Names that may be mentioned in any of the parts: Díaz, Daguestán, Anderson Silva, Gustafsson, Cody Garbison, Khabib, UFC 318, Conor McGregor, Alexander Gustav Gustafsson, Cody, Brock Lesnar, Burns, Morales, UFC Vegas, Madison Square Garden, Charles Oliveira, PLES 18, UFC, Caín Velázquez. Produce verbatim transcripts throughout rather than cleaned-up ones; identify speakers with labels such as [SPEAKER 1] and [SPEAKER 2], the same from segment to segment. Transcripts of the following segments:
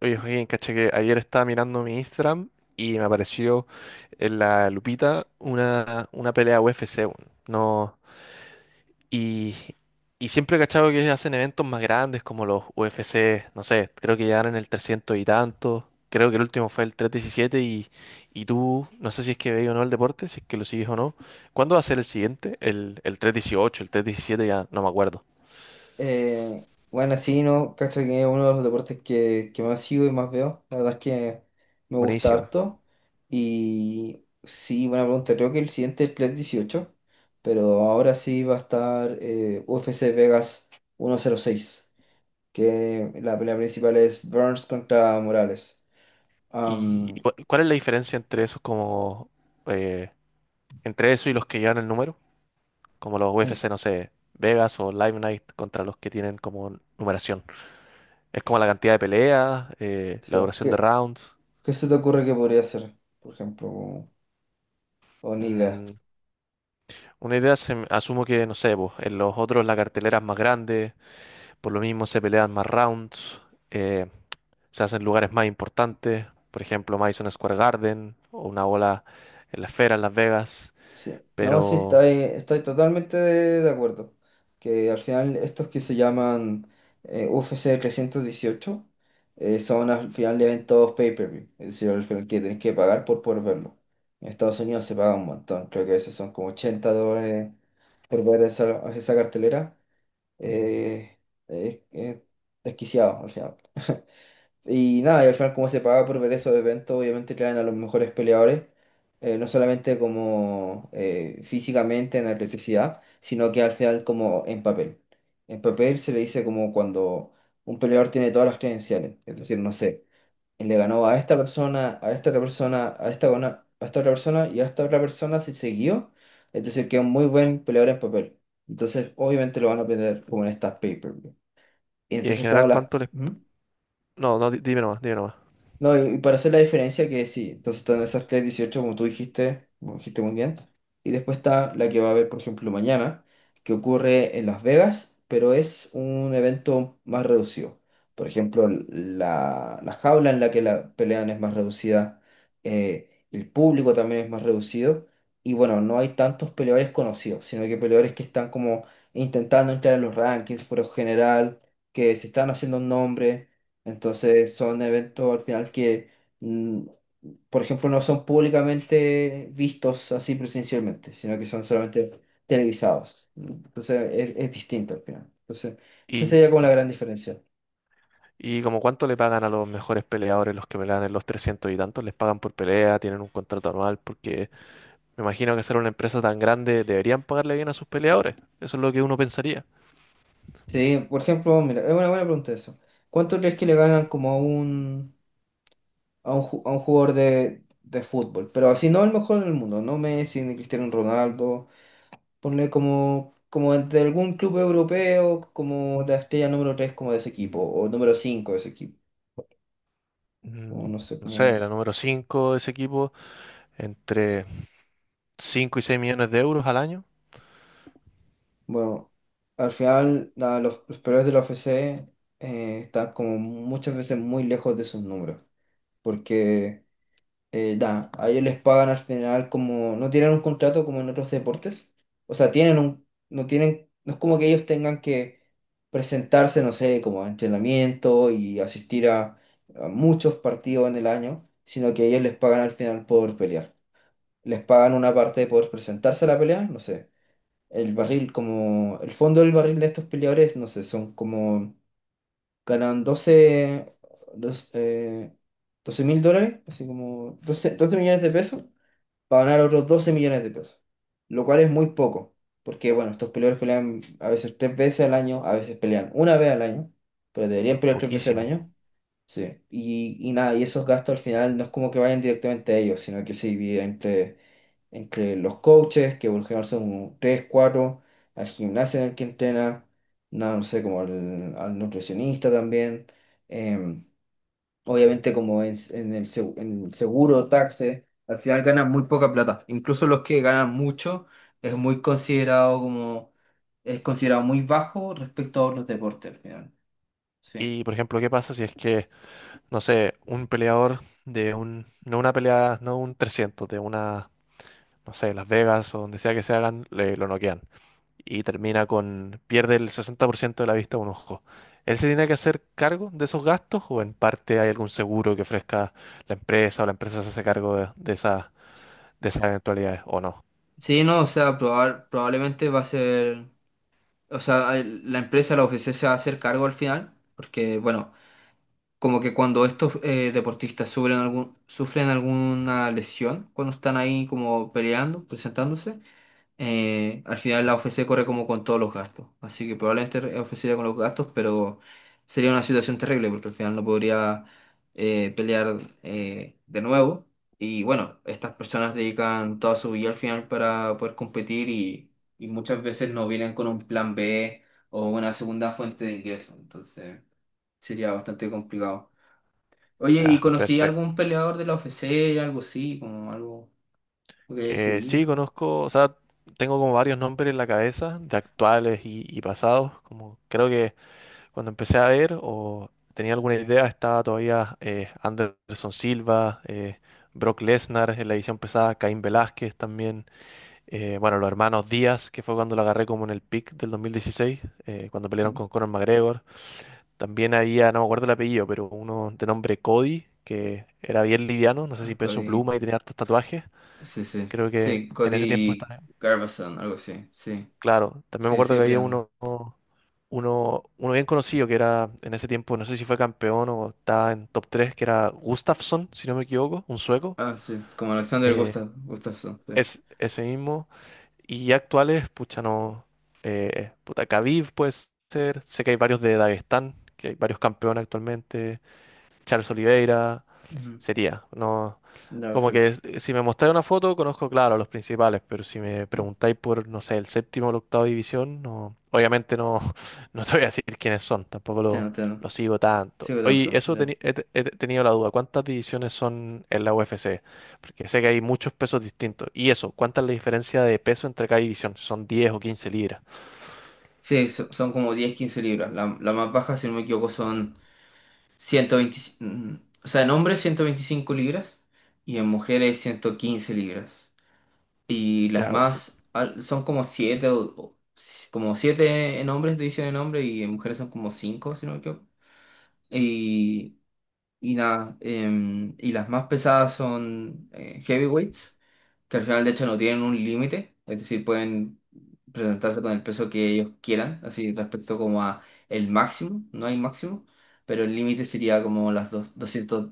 [SPEAKER 1] Oye, Joaquín, caché que ayer estaba mirando mi Instagram y me apareció en la lupita una, una pelea U F C, weón. No, y, y siempre he cachado que hacen eventos más grandes como los U F C, no sé, creo que ya eran el trescientos y tanto. Creo que el último fue el trescientos diecisiete y, y tú, no sé si es que veis o no el deporte, si es que lo sigues o no. ¿Cuándo va a ser el siguiente? El, el trescientos dieciocho, el trescientos diecisiete ya no me acuerdo.
[SPEAKER 2] Eh, bueno, sí, ¿no? Cacho que es uno de los deportes que, que más sigo y más veo. La verdad es que me gusta
[SPEAKER 1] Buenísima.
[SPEAKER 2] harto. Y sí, buena pregunta. Creo que el siguiente es P L E S dieciocho, pero ahora sí va a estar eh, U F C Vegas ciento cero seis, que la pelea principal es Burns contra Morales.
[SPEAKER 1] ¿Y
[SPEAKER 2] Am,
[SPEAKER 1] cu- cuál es la diferencia entre esos como eh, entre eso y los que llevan el número, como los
[SPEAKER 2] eh,
[SPEAKER 1] U F C, no sé, Vegas o Live Night contra los que tienen como numeración? Es como la cantidad de peleas, eh, la
[SPEAKER 2] so,
[SPEAKER 1] duración de
[SPEAKER 2] ¿qué,
[SPEAKER 1] rounds.
[SPEAKER 2] qué se te ocurre que podría ser? Por ejemplo, o o ni idea.
[SPEAKER 1] Mm, una idea, se me- asumo que, no sé, pues, en los otros la cartelera es más grande, por lo mismo se pelean más rounds, eh, se hacen lugares más importantes, por ejemplo, Madison Square Garden o una bola en la esfera en Las Vegas.
[SPEAKER 2] Sí, no, sí, estoy,
[SPEAKER 1] Pero,
[SPEAKER 2] estoy totalmente de, de acuerdo. Que al final estos que se llaman eh, U F C trescientos dieciocho eh, son al final eventos pay-per-view, es decir, al final que tenés que pagar por poder verlo. En Estados Unidos se paga un montón, creo que a veces son como ochenta dólares por ver esa, esa cartelera. eh, es- es desquiciado al final. Y nada, y al final como se paga por ver esos eventos, obviamente traen a los mejores peleadores, eh, no solamente como eh, físicamente en atleticidad, sino que al final como en papel. En papel se le dice como cuando un peleador tiene todas las credenciales, es decir, no sé, le ganó a esta persona, a esta otra persona, a esta, una- a esta otra persona y a esta otra persona se siguió, es decir, que es un muy buen peleador en papel. Entonces, obviamente lo van a aprender como en estas pay-per-view. Y
[SPEAKER 1] y en
[SPEAKER 2] entonces tengo
[SPEAKER 1] general,
[SPEAKER 2] las...
[SPEAKER 1] ¿cuánto les...
[SPEAKER 2] ¿Mm?
[SPEAKER 1] No, no, di- dime nomás, dime nomás.
[SPEAKER 2] No, y y para hacer la diferencia que sí, entonces están esas Play dieciocho como tú dijiste, como dijiste muy bien, y después está la que va a haber, por ejemplo, mañana, que ocurre en Las Vegas, pero es un evento más reducido. Por ejemplo, la, la jaula en la que la pelean es más reducida, eh, el público también es más reducido, y bueno, no hay tantos peleadores conocidos, sino que peleadores que están como intentando entrar en los rankings por lo general, que se están haciendo un nombre. Entonces son eventos al final que, mm, por ejemplo, no son públicamente vistos así presencialmente, sino que son solamente televisados. Entonces es, es distinto al final. Entonces, esa sería como
[SPEAKER 1] Y,
[SPEAKER 2] la gran diferencia.
[SPEAKER 1] ¿y como cuánto le pagan a los mejores peleadores, los que pelean en los trescientos y tantos? ¿Les pagan por pelea? ¿Tienen un contrato anual? Porque me imagino que ser una empresa tan grande deberían pagarle bien a sus peleadores. Eso es lo que uno pensaría.
[SPEAKER 2] Sí, por ejemplo, mira, es una buena pregunta eso. ¿Cuánto crees que le ganan como a un, a un, ju- a un jugador de, de fútbol? Pero así no el mejor del mundo, no Messi, ni Cristiano Ronaldo. Ponle como, como de algún club europeo, como la estrella número tres como de ese equipo, o número cinco de ese equipo. O
[SPEAKER 1] Mm,
[SPEAKER 2] no sé,
[SPEAKER 1] no sé,
[SPEAKER 2] como...
[SPEAKER 1] la número cinco de ese equipo, entre cinco y seis millones de euros al año,
[SPEAKER 2] Bueno, al final la- los, los peores de la U F C eh, están como muchas veces muy lejos de sus números, porque eh, da, a ellos les pagan al final como, no tienen un contrato como en otros deportes, o sea, tienen un, no tienen, no es como que ellos tengan que presentarse, no sé, como a entrenamiento y asistir a, a muchos partidos en el año, sino que ellos les pagan al final por pelear. Les pagan una parte por presentarse a la pelea, no sé, el barril, como, el fondo del barril de estos peleadores, no sé, son como, ganan doce dos, eh, doce mil dólares, así como doce doce millones de pesos para ganar otros doce millones de pesos, lo cual es muy poco, porque bueno, estos peleadores pelean a veces tres veces al año, a veces pelean una vez al año, pero
[SPEAKER 1] es
[SPEAKER 2] deberían pelear tres veces al
[SPEAKER 1] poquísimo.
[SPEAKER 2] año. Sí, y, y nada, y esos gastos al final no es como que vayan directamente a ellos, sino que se divide entre, entre los coaches, que por lo general son tres cuatro, al gimnasio en el que entrena, nada, no sé, como al, al nutricionista también. em, obviamente como en, en el, seg- en el seguro, taxes, al final ganan muy poca plata. Incluso los que ganan mucho es muy considerado como, es considerado muy bajo respecto a otros deportes al final. Sí.
[SPEAKER 1] Y por ejemplo, ¿qué pasa si es que, no sé, un peleador de un, no una pelea, no un trescientos de una, no sé, Las Vegas o donde sea que se hagan, le, lo noquean y termina con, pierde el sesenta por ciento de la vista de un ojo? ¿Él se tiene que hacer cargo de esos gastos o en parte hay algún seguro que ofrezca la empresa o la empresa se hace cargo de, de esas, de esas eventualidades o no?
[SPEAKER 2] Sí, no, o sea, proba- probablemente va a ser, o sea, el- la empresa, la U F C se va a hacer cargo al final, porque bueno, como que cuando estos eh, deportistas sufren algún, sufren alguna lesión, cuando están ahí como peleando, presentándose, eh, al final la O F C corre como con todos los gastos. Así que probablemente la O F C iría con los gastos, pero sería una situación terrible porque al final no podría eh, pelear eh, de nuevo. Y bueno, estas personas dedican toda su vida al final para poder competir y, y muchas veces no vienen con un plan B o una segunda fuente de ingreso. Entonces sería bastante complicado. Oye, ¿y
[SPEAKER 1] Ah,
[SPEAKER 2] conocí a algún
[SPEAKER 1] perfecto.
[SPEAKER 2] peleador de la O F C, algo así, como algo que haya
[SPEAKER 1] Eh,
[SPEAKER 2] seguido?
[SPEAKER 1] sí, conozco, o sea, tengo como varios nombres en la cabeza de actuales y, y pasados, como creo que cuando empecé a ver o tenía alguna idea estaba todavía eh, Anderson Silva, eh, Brock Lesnar en la edición pesada, Caín Velázquez también. Eh, bueno, los hermanos Díaz, que fue cuando lo agarré como en el pick del dos mil dieciséis, eh, cuando pelearon
[SPEAKER 2] Mm.
[SPEAKER 1] con Conor McGregor. También había, no me acuerdo el apellido, pero uno de nombre Cody, que era bien liviano, no sé
[SPEAKER 2] Ah,
[SPEAKER 1] si
[SPEAKER 2] ok.
[SPEAKER 1] peso pluma, y tenía hartos tatuajes.
[SPEAKER 2] Sí, sí.
[SPEAKER 1] Creo que
[SPEAKER 2] Sí,
[SPEAKER 1] en ese tiempo
[SPEAKER 2] Cody
[SPEAKER 1] estaba...
[SPEAKER 2] Garbison, algo así. Sí,
[SPEAKER 1] Claro, también me
[SPEAKER 2] sí,
[SPEAKER 1] acuerdo
[SPEAKER 2] sigue
[SPEAKER 1] que había
[SPEAKER 2] peleando.
[SPEAKER 1] uno, uno, uno bien conocido que era en ese tiempo, no sé si fue campeón o estaba en top tres, que era Gustafsson, si no me equivoco, un sueco.
[SPEAKER 2] Ah, sí, como Alexander
[SPEAKER 1] Eh,
[SPEAKER 2] Gustav, Gustafsson, sí.
[SPEAKER 1] Es ese mismo. Y actuales, pucha, no. Eh, puta, Khabib puede ser. Sé que hay varios de Daguestán, que hay varios campeones actualmente. Charles Oliveira.
[SPEAKER 2] Ujú.
[SPEAKER 1] Sería, no,
[SPEAKER 2] Ya,
[SPEAKER 1] como que
[SPEAKER 2] perfecto.
[SPEAKER 1] es- si me mostráis una foto, conozco, claro, los principales, pero si me
[SPEAKER 2] Mm.
[SPEAKER 1] preguntáis por, no sé, el séptimo o la octava división, no, obviamente no, no te voy a decir quiénes son, tampoco
[SPEAKER 2] Ya
[SPEAKER 1] lo,
[SPEAKER 2] no te no.
[SPEAKER 1] lo sigo tanto.
[SPEAKER 2] Sigo
[SPEAKER 1] Oye,
[SPEAKER 2] tanto.
[SPEAKER 1] eso
[SPEAKER 2] Ya.
[SPEAKER 1] teni- he, te- he te- tenido la duda, ¿cuántas divisiones son en la U F C? Porque sé que hay muchos pesos distintos. Y eso, ¿cuánta es la diferencia de peso entre cada división? Si ¿Son diez o quince libras?
[SPEAKER 2] Sí, so- son como diez quince libras. La, la más baja, si no me equivoco, son ciento veinticinco. mm, O sea, en hombres ciento veinticinco libras y en mujeres ciento quince libras. Y las
[SPEAKER 1] Ya, perfecto.
[SPEAKER 2] más al- son como siete o, o- como siete en hombres, división en hombres, y en mujeres son como cinco, si no me equivoco. Y nada, em, y las más pesadas son eh, heavyweights, que al final de hecho no tienen un límite, es decir, pueden presentarse con el peso que ellos quieran, así respecto como a el máximo, no hay máximo, pero el límite sería como las dos- doscientos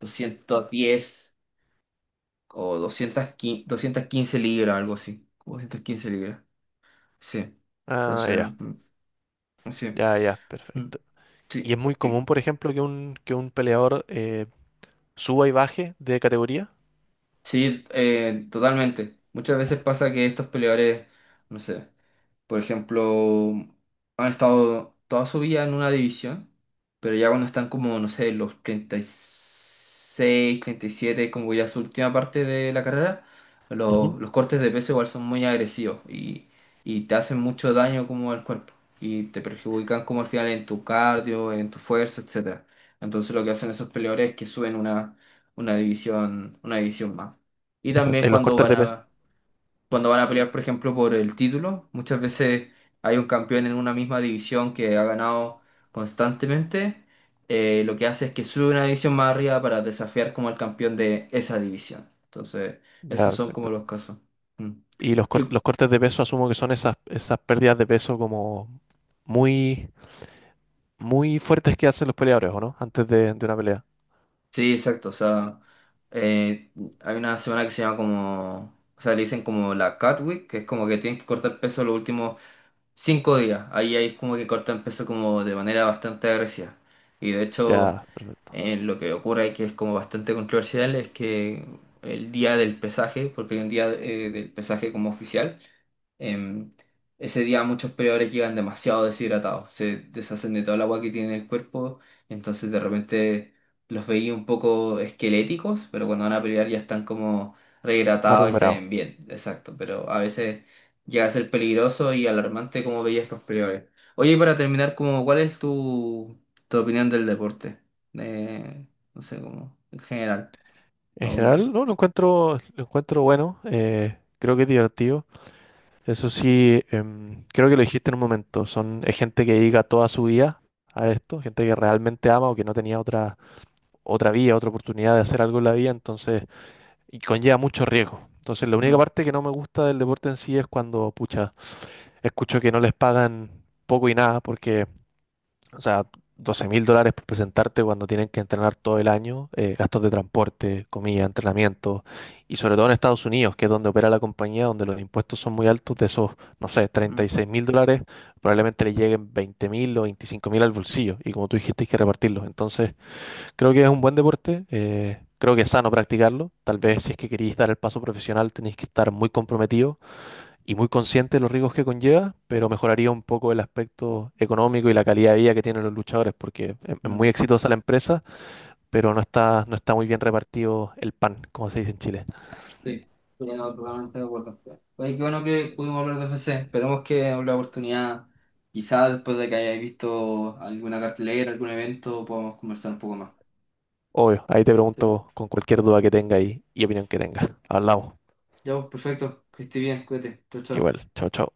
[SPEAKER 2] doscientos diez o doscientos quince, quince doscientos quince libras, algo así, como doscientas quince libras, sí.
[SPEAKER 1] Ah,
[SPEAKER 2] Entonces,
[SPEAKER 1] ya,
[SPEAKER 2] mm, sí.
[SPEAKER 1] ya, ya,
[SPEAKER 2] Mm.
[SPEAKER 1] perfecto. Y es
[SPEAKER 2] Sí.
[SPEAKER 1] muy común, por ejemplo, que un, que un peleador eh, suba y baje de categoría?
[SPEAKER 2] Sí, eh, totalmente. Muchas veces pasa que estos peleadores, no sé. Por ejemplo, han estado toda su vida en una división, pero ya cuando están como, no sé, los treinta treinta y seis treinta y siete como ya su última parte de la carrera, los,
[SPEAKER 1] Ujú.
[SPEAKER 2] los cortes de peso igual son muy agresivos y, y te hacen mucho daño como al cuerpo y te perjudican como al final en tu cardio, en tu fuerza, etcétera. Entonces lo que hacen esos peleadores es que suben una, una división, una división más. Y
[SPEAKER 1] Los
[SPEAKER 2] también
[SPEAKER 1] eh, los
[SPEAKER 2] cuando
[SPEAKER 1] cortes
[SPEAKER 2] van
[SPEAKER 1] de peso.
[SPEAKER 2] a cuando van a pelear, por ejemplo, por el título. Muchas veces hay un campeón en una misma división que ha ganado constantemente. eh, lo que hace es que sube una división más arriba para desafiar como al campeón de esa división. Entonces,
[SPEAKER 1] Ya,
[SPEAKER 2] esos son
[SPEAKER 1] perfecto.
[SPEAKER 2] como los casos. Mm.
[SPEAKER 1] Y los,
[SPEAKER 2] Y-
[SPEAKER 1] cor- los cortes de peso asumo que son esas, esas pérdidas de peso como muy, muy fuertes que hacen los peleadores, ¿o no? Antes de, de una pelea.
[SPEAKER 2] sí, exacto. O sea, eh, hay una semana que se llama como... O sea, le dicen como la Cat Week, que es como que tienen que cortar peso los últimos cinco días. Ahí, ahí es como que cortan peso como de manera bastante agresiva. Y de hecho...
[SPEAKER 1] Ya, perfecto.
[SPEAKER 2] Eh, lo que ocurre, que es como bastante controversial, es que el día del pesaje, porque hay un día eh, del pesaje como oficial. Em, ese día muchos peleadores llegan demasiado deshidratados, se deshacen de toda el agua que tienen en el cuerpo, entonces de repente los veía un poco esqueléticos, pero cuando van a pelear ya están como
[SPEAKER 1] Más
[SPEAKER 2] rehidratados y se ven
[SPEAKER 1] recuperado.
[SPEAKER 2] bien, exacto, pero a veces llega a ser peligroso y alarmante como veía estos peleadores. Oye, y para terminar, como, ¿cuál es tu, tu opinión del deporte? Eh, no sé, como en general.
[SPEAKER 1] En
[SPEAKER 2] Aún.
[SPEAKER 1] general, no, lo encuentro, lo encuentro bueno. eh, creo que es divertido. Eso sí, em, creo que lo dijiste en un momento, son es gente que dedica toda su vida a esto, gente que realmente ama o que no tenía otra, otra vía, otra oportunidad de hacer algo en la vida, entonces, y conlleva mucho riesgo. Entonces, la única
[SPEAKER 2] Mm,
[SPEAKER 1] parte que no me gusta del deporte en sí es cuando, pucha, escucho que no les pagan poco y nada, porque o sea, doce mil dólares por presentarte cuando tienen que entrenar todo el año, eh, gastos de transporte, comida, entrenamiento, y sobre todo en Estados Unidos, que es donde opera la compañía, donde los impuestos son muy altos, de esos, no sé, treinta y
[SPEAKER 2] mm,
[SPEAKER 1] seis mil dólares, probablemente le lleguen veinte mil o veinticinco mil al bolsillo, y como tú dijiste, hay que repartirlos. Entonces, creo que es un buen deporte, eh, creo que es sano practicarlo, tal vez si es que queréis dar el paso profesional tenéis que estar muy comprometidos y muy consciente de los riesgos que conlleva, pero mejoraría un poco el aspecto económico y la calidad de vida que tienen los luchadores, porque es es
[SPEAKER 2] mm.
[SPEAKER 1] muy exitosa la empresa, pero no está, no está muy bien repartido el pan, como se dice en Chile.
[SPEAKER 2] Sí, pero no, totalmente de acuerdo. Oye, qué bueno que pudimos hablar de U F C. Esperemos que en la oportunidad, quizás después de que hayáis visto alguna cartelera, algún evento, podamos conversar un poco más.
[SPEAKER 1] Obvio, ahí te
[SPEAKER 2] Sí.
[SPEAKER 1] pregunto con cualquier duda que tenga y, y opinión que tenga. Hablamos.
[SPEAKER 2] Ya, pues, perfecto. Que esté bien, cuídate. Chao, chao.
[SPEAKER 1] Igual, chao, chao.